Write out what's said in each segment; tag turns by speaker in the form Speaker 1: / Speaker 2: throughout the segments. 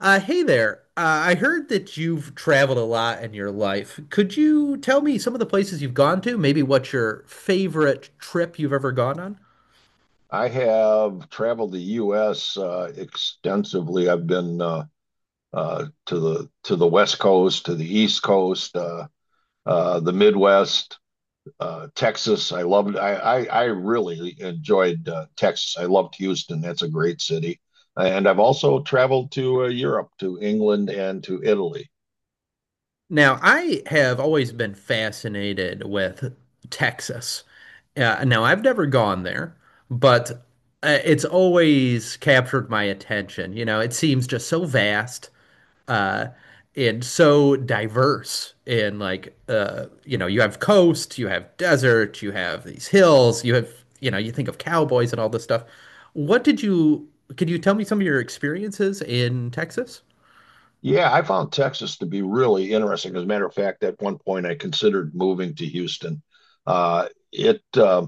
Speaker 1: Hey there. I heard that you've traveled a lot in your life. Could you tell me some of the places you've gone to? Maybe what's your favorite trip you've ever gone on?
Speaker 2: I have traveled the U.S. Extensively. I've been to the West Coast, to the East Coast, the Midwest, Texas. I loved. I really enjoyed Texas. I loved Houston. That's a great city. And I've also traveled to Europe, to England, and to Italy.
Speaker 1: Now, I have always been fascinated with Texas. Now, I've never gone there, but it's always captured my attention. You know, it seems just so vast uh, and so diverse. In like, you know, you have coast, you have desert, you have these hills, you have, you know, you think of cowboys and all this stuff. What did you, could you tell me some of your experiences in Texas?
Speaker 2: Yeah, I found Texas to be really interesting. As a matter of fact, at one point I considered moving to Houston. It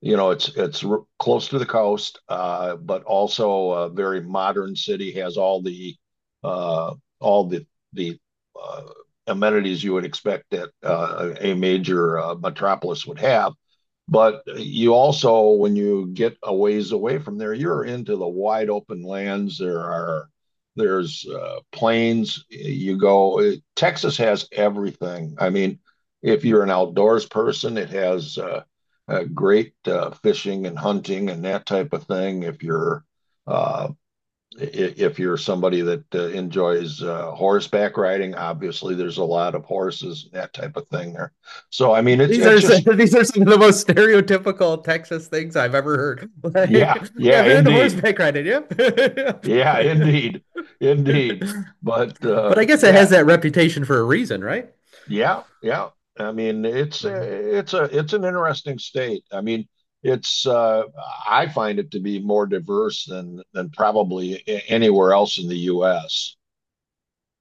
Speaker 2: you know, it's r- close to the coast, but also a very modern city. Has uh, all the uh, amenities you would expect that a major metropolis would have. But you also, when you get a ways away from there, you're into the wide open lands. There's plains. You go. Texas has everything. I mean, if you're an outdoors person, it has. Great fishing and hunting and that type of thing if uh, you're somebody that enjoys horseback riding. Obviously, there's a lot of horses and that type of thing there. So I mean, it's
Speaker 1: These
Speaker 2: it's
Speaker 1: are
Speaker 2: just.
Speaker 1: these are some of the most stereotypical Texas things I've ever heard.
Speaker 2: Yeah,
Speaker 1: Like, yeah,
Speaker 2: yeah,
Speaker 1: if you're into
Speaker 2: indeed.
Speaker 1: horseback riding, yep.
Speaker 2: Yeah, indeed. Indeed. But
Speaker 1: But I guess it has
Speaker 2: yeah.
Speaker 1: that reputation for a reason, right?
Speaker 2: Yeah, yeah. I mean, it's
Speaker 1: Mm.
Speaker 2: it's a it's an interesting state. I mean, it's I find it to be more diverse than probably anywhere else in the U.S.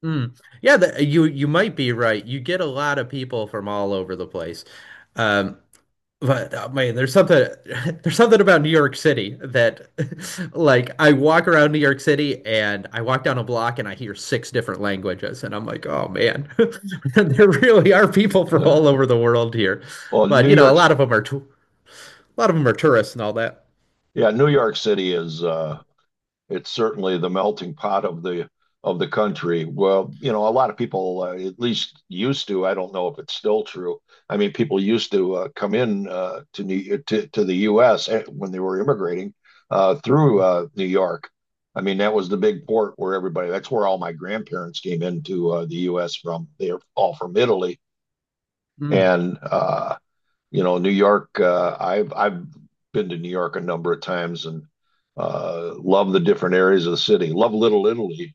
Speaker 1: Mm. Yeah, you might be right. You get a lot of people from all over the place. Um, But man, there's something there's something about New York City that like I walk around New York City and I walk down a block and I hear six different languages and I'm like, "Oh man, there really are people from
Speaker 2: Uh,
Speaker 1: all over the world here."
Speaker 2: well,
Speaker 1: But you know, a lot of them are tourists and all that.
Speaker 2: Yeah, New York City is it's certainly the melting pot of the country. Well, a lot of people at least used to. I don't know if it's still true. I mean, people used to come in to the U.S. When they were immigrating through New York. I mean, that was the big port where everybody. That's where all my grandparents came into the U.S. from. They're all from Italy,
Speaker 1: Mm.
Speaker 2: and I've been to New York a number of times and love the different areas of the city. Love Little Italy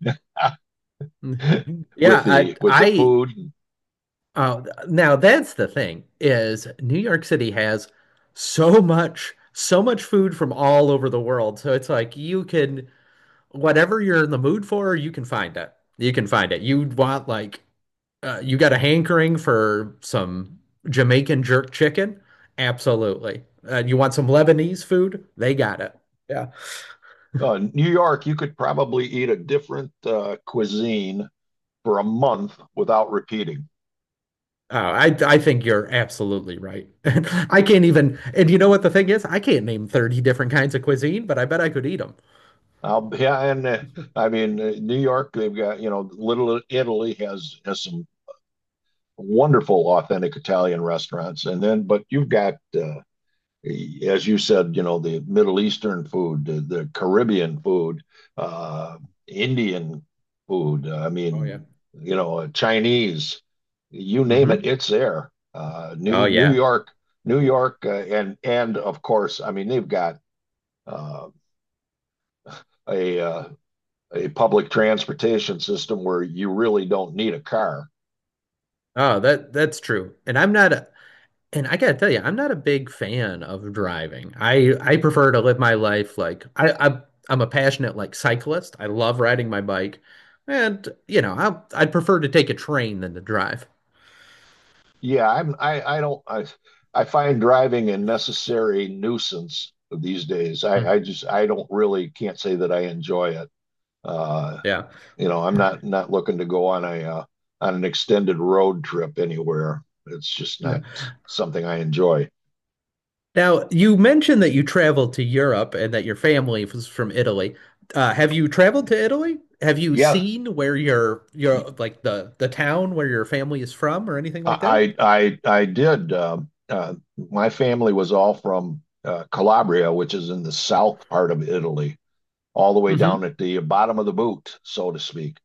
Speaker 2: with
Speaker 1: Yeah, I
Speaker 2: the
Speaker 1: I
Speaker 2: food.
Speaker 1: uh, now that's the thing is New York City has so much food from all over the world. So it's like you can whatever you're in the mood for, you can find it. You can find it. You want like you got a hankering for some Jamaican jerk chicken? Absolutely. You want some Lebanese food? They got it. Yeah.
Speaker 2: New York, you could probably eat a different cuisine for a month without repeating.
Speaker 1: Oh, I think you're absolutely right. I can't even, and you know what the thing is? I can't name 30 different kinds of cuisine, but I bet I could eat them.
Speaker 2: Yeah, and I mean New York, they've got Little Italy has some wonderful authentic Italian restaurants, and then but you've got uh, as you said, the Middle Eastern food, the Caribbean food, uh, Indian food. I
Speaker 1: Oh yeah.
Speaker 2: mean, Chinese, you name it,
Speaker 1: Hmm.
Speaker 2: it's there.
Speaker 1: Oh
Speaker 2: New New
Speaker 1: yeah.
Speaker 2: York, New York, uh, and of course, I mean, they've got uh, a uh, a public transportation system where you really don't need a car.
Speaker 1: Oh, that that's true. And I'm not And I gotta tell you, I'm not a big fan of driving. I prefer to live my life like I, I'm a passionate like cyclist. I love riding my bike, and you know I'd prefer to take a train than to drive.
Speaker 2: Yeah, I'm I don't I find driving a necessary nuisance these days. I
Speaker 1: Mm,
Speaker 2: just I don't really can't say that I enjoy it. Uh,
Speaker 1: yeah,
Speaker 2: I'm not looking to go on an extended road trip anywhere. It's just
Speaker 1: yeah.
Speaker 2: not something I enjoy.
Speaker 1: Now you mentioned that you traveled to Europe and that your family was from Italy. Have you traveled to Italy? Have you
Speaker 2: Yeah,
Speaker 1: seen where your
Speaker 2: I
Speaker 1: your like the town where your family is from or anything like that?
Speaker 2: I did. My family was all from Calabria, which is in the south part of Italy, all the way down at the bottom of the boot, so to speak.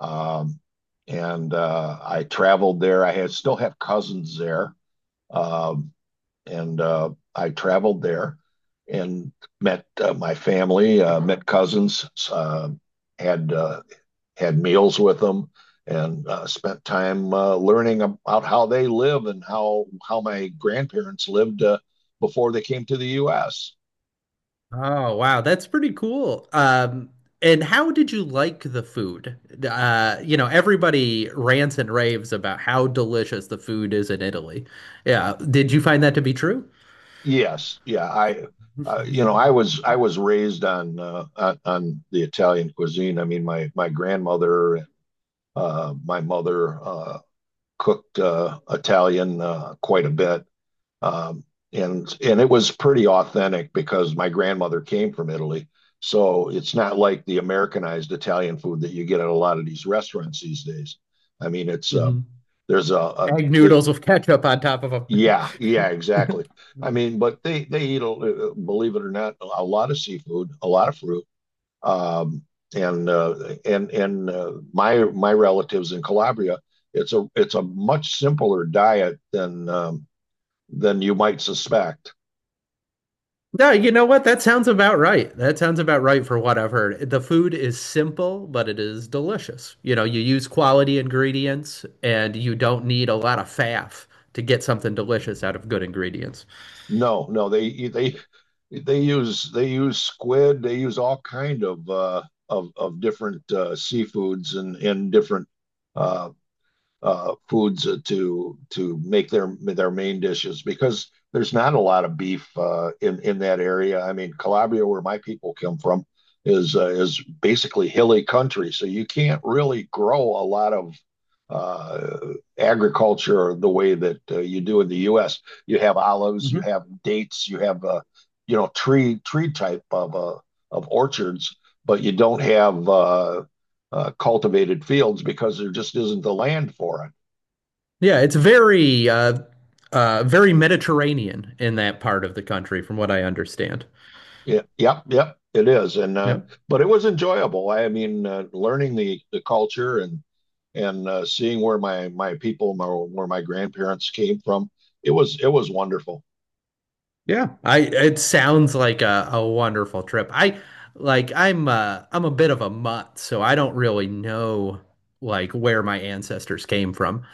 Speaker 2: Um, and I traveled there. I had, still have cousins there, um, and I traveled there and met my family, met cousins, had uh, had meals with them, and spent time learning about how they live and how my grandparents lived before they came to the U.S.
Speaker 1: Oh, wow, that's pretty cool. And how did you like the food? You know, everybody rants and raves about how delicious the food is in Italy. Yeah, did you find that to be true?
Speaker 2: Yes, yeah, I was I was raised on on the Italian cuisine. I mean, my grandmother and my mother cooked Italian quite a bit, um, and it was pretty authentic because my grandmother came from Italy, so it's not like the Americanized Italian food that you get at a lot of these restaurants these days. I mean, it's
Speaker 1: Hmm.
Speaker 2: there's a
Speaker 1: Egg
Speaker 2: they
Speaker 1: noodles with ketchup on top of
Speaker 2: yeah, yeah,
Speaker 1: them.
Speaker 2: exactly. I mean, but they eat, believe it or not, a lot of seafood, a lot of fruit. Um, and my relatives in Calabria, it's a much simpler diet than you might suspect.
Speaker 1: No, you know what? That sounds about right. That sounds about right for what I've heard. The food is simple, but it is delicious. You know, you use quality ingredients and you don't need a lot of faff to get something delicious out of good ingredients.
Speaker 2: No, no, they use squid, they use all kind of of different seafoods and different. Uh, Foods to make their main dishes because there's not a lot of beef in that area. I mean, Calabria, where my people come from, is basically hilly country, so you can't really grow a lot of uh, agriculture the way that you do in the U.S. You have olives, you
Speaker 1: Hmm.
Speaker 2: have dates, you have tree type of orchards, but you don't have cultivated fields because there just isn't the land for it.
Speaker 1: Yeah, it's very very Mediterranean in that part of the country, from what I understand.
Speaker 2: Yeah, yep, yep, it is. And
Speaker 1: Yeah.
Speaker 2: but it was enjoyable. I mean, learning the culture and seeing where where my grandparents came from, it was wonderful.
Speaker 1: Yeah, I it sounds like a wonderful trip. I like I'm a bit of a mutt, so I don't really know like where my ancestors came from.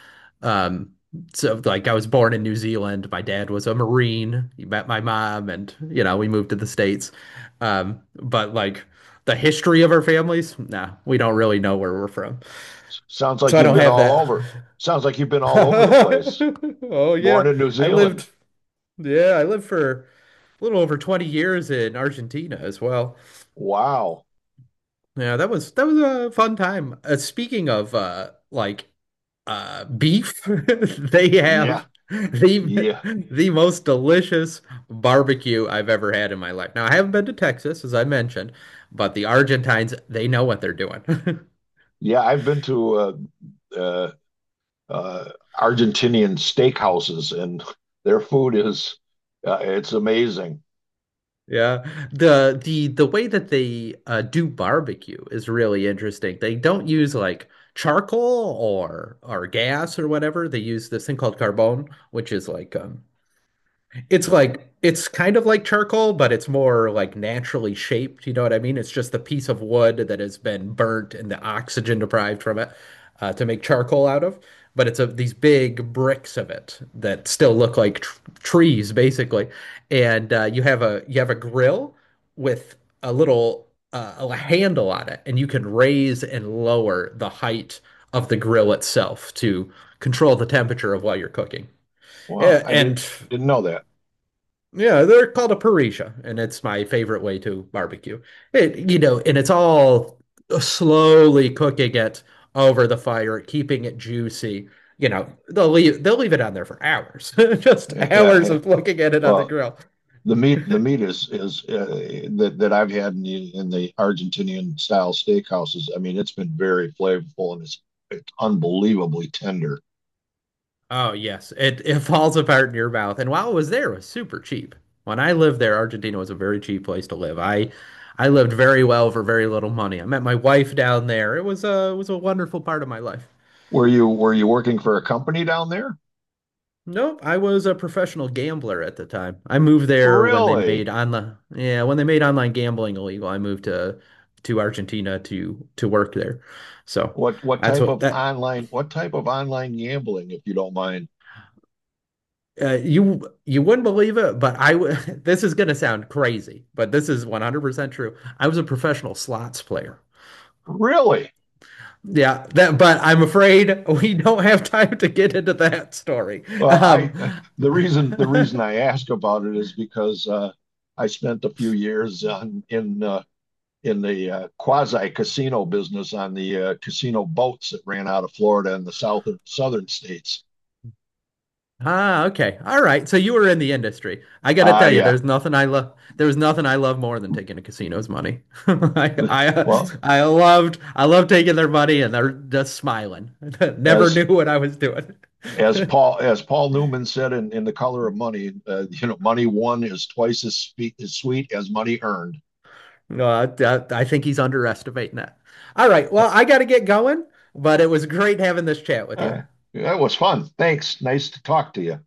Speaker 1: Um so like I was born in New Zealand. My dad was a Marine. He met my mom and you know, we moved to the States. But like the history of our families, nah, we don't really know where we're from.
Speaker 2: Sounds like
Speaker 1: So I
Speaker 2: you've
Speaker 1: don't
Speaker 2: been
Speaker 1: have
Speaker 2: all
Speaker 1: that.
Speaker 2: over. Sounds like you've been all over the place.
Speaker 1: Oh
Speaker 2: Born
Speaker 1: yeah.
Speaker 2: in New
Speaker 1: I
Speaker 2: Zealand.
Speaker 1: lived Yeah, I lived for a little over 20 years in Argentina as well.
Speaker 2: Wow.
Speaker 1: Yeah, that was a fun time. Speaking of like beef, they
Speaker 2: Yeah,
Speaker 1: have
Speaker 2: yeah,
Speaker 1: the most delicious barbecue I've ever had in my life. Now, I haven't been to Texas, as I mentioned, but the Argentines, they know what they're doing.
Speaker 2: yeah. I've been to uh, uh, Argentinian steakhouses, and their food is it's amazing.
Speaker 1: Yeah. The way that they do barbecue is really interesting. They don't use like charcoal or gas or whatever. They use this thing called carbone, which is like it's like it's kind of like charcoal, but it's more like naturally shaped. You know what I mean? It's just a piece of wood that has been burnt and the oxygen deprived from it to make charcoal out of. But it's of these big bricks of it that still look like tr trees, basically. And you have a grill with a little a handle on it, and you can raise and lower the height of the grill itself to control the temperature of while you're cooking.
Speaker 2: Wow,
Speaker 1: Yeah,
Speaker 2: I
Speaker 1: and
Speaker 2: didn't know that.
Speaker 1: yeah, they're called a parrilla, and it's my favorite way to barbecue. It, you know, and it's all slowly cooking it over the fire, keeping it juicy. You know, they'll leave it on there for hours. Just
Speaker 2: Yeah, yeah.
Speaker 1: hours
Speaker 2: Yeah.
Speaker 1: of looking at it on the
Speaker 2: Well,
Speaker 1: grill.
Speaker 2: the meat the meat is that I've had in the Argentinian style steakhouses. I mean, it's been very flavorful and it's unbelievably tender.
Speaker 1: Oh yes, it falls apart in your mouth. And while I was there, it was super cheap. When I lived there, Argentina was a very cheap place to live. I lived very well for very little money. I met my wife down there. It was a wonderful part of my life.
Speaker 2: Were you working for a company down there?
Speaker 1: Nope, I was a professional gambler at the time. I moved there when they
Speaker 2: Really?
Speaker 1: made yeah, when they made online gambling illegal. I moved To Argentina to work there. So
Speaker 2: What
Speaker 1: that's
Speaker 2: type
Speaker 1: what
Speaker 2: of
Speaker 1: that
Speaker 2: online what type of online gambling, if you don't mind?
Speaker 1: you wouldn't believe it, but I w this is gonna sound crazy, but this is 100% true. I was a professional slots player.
Speaker 2: Really?
Speaker 1: Yeah, that, but I'm afraid we don't have time to get into that story.
Speaker 2: Well,
Speaker 1: Um,
Speaker 2: I the reason I ask about it is because I spent a few years on in the quasi casino business on the casino boats that ran out of Florida and the southern states.
Speaker 1: Ah, okay. All right. So you were in the industry. I gotta
Speaker 2: Ah,
Speaker 1: tell you,
Speaker 2: yeah.
Speaker 1: there's nothing I love. There was nothing I love more than taking a casino's money.
Speaker 2: Well,
Speaker 1: I loved, taking their money and they're just smiling. Never
Speaker 2: as
Speaker 1: knew what I was doing.
Speaker 2: as Paul as Paul Newman said in The Color of Money, money won is twice as sweet as money earned.
Speaker 1: No, I think he's underestimating that. All right. Well, I gotta get going, but it was great having this chat with you.
Speaker 2: Uh, that was fun. Thanks. Nice to talk to you.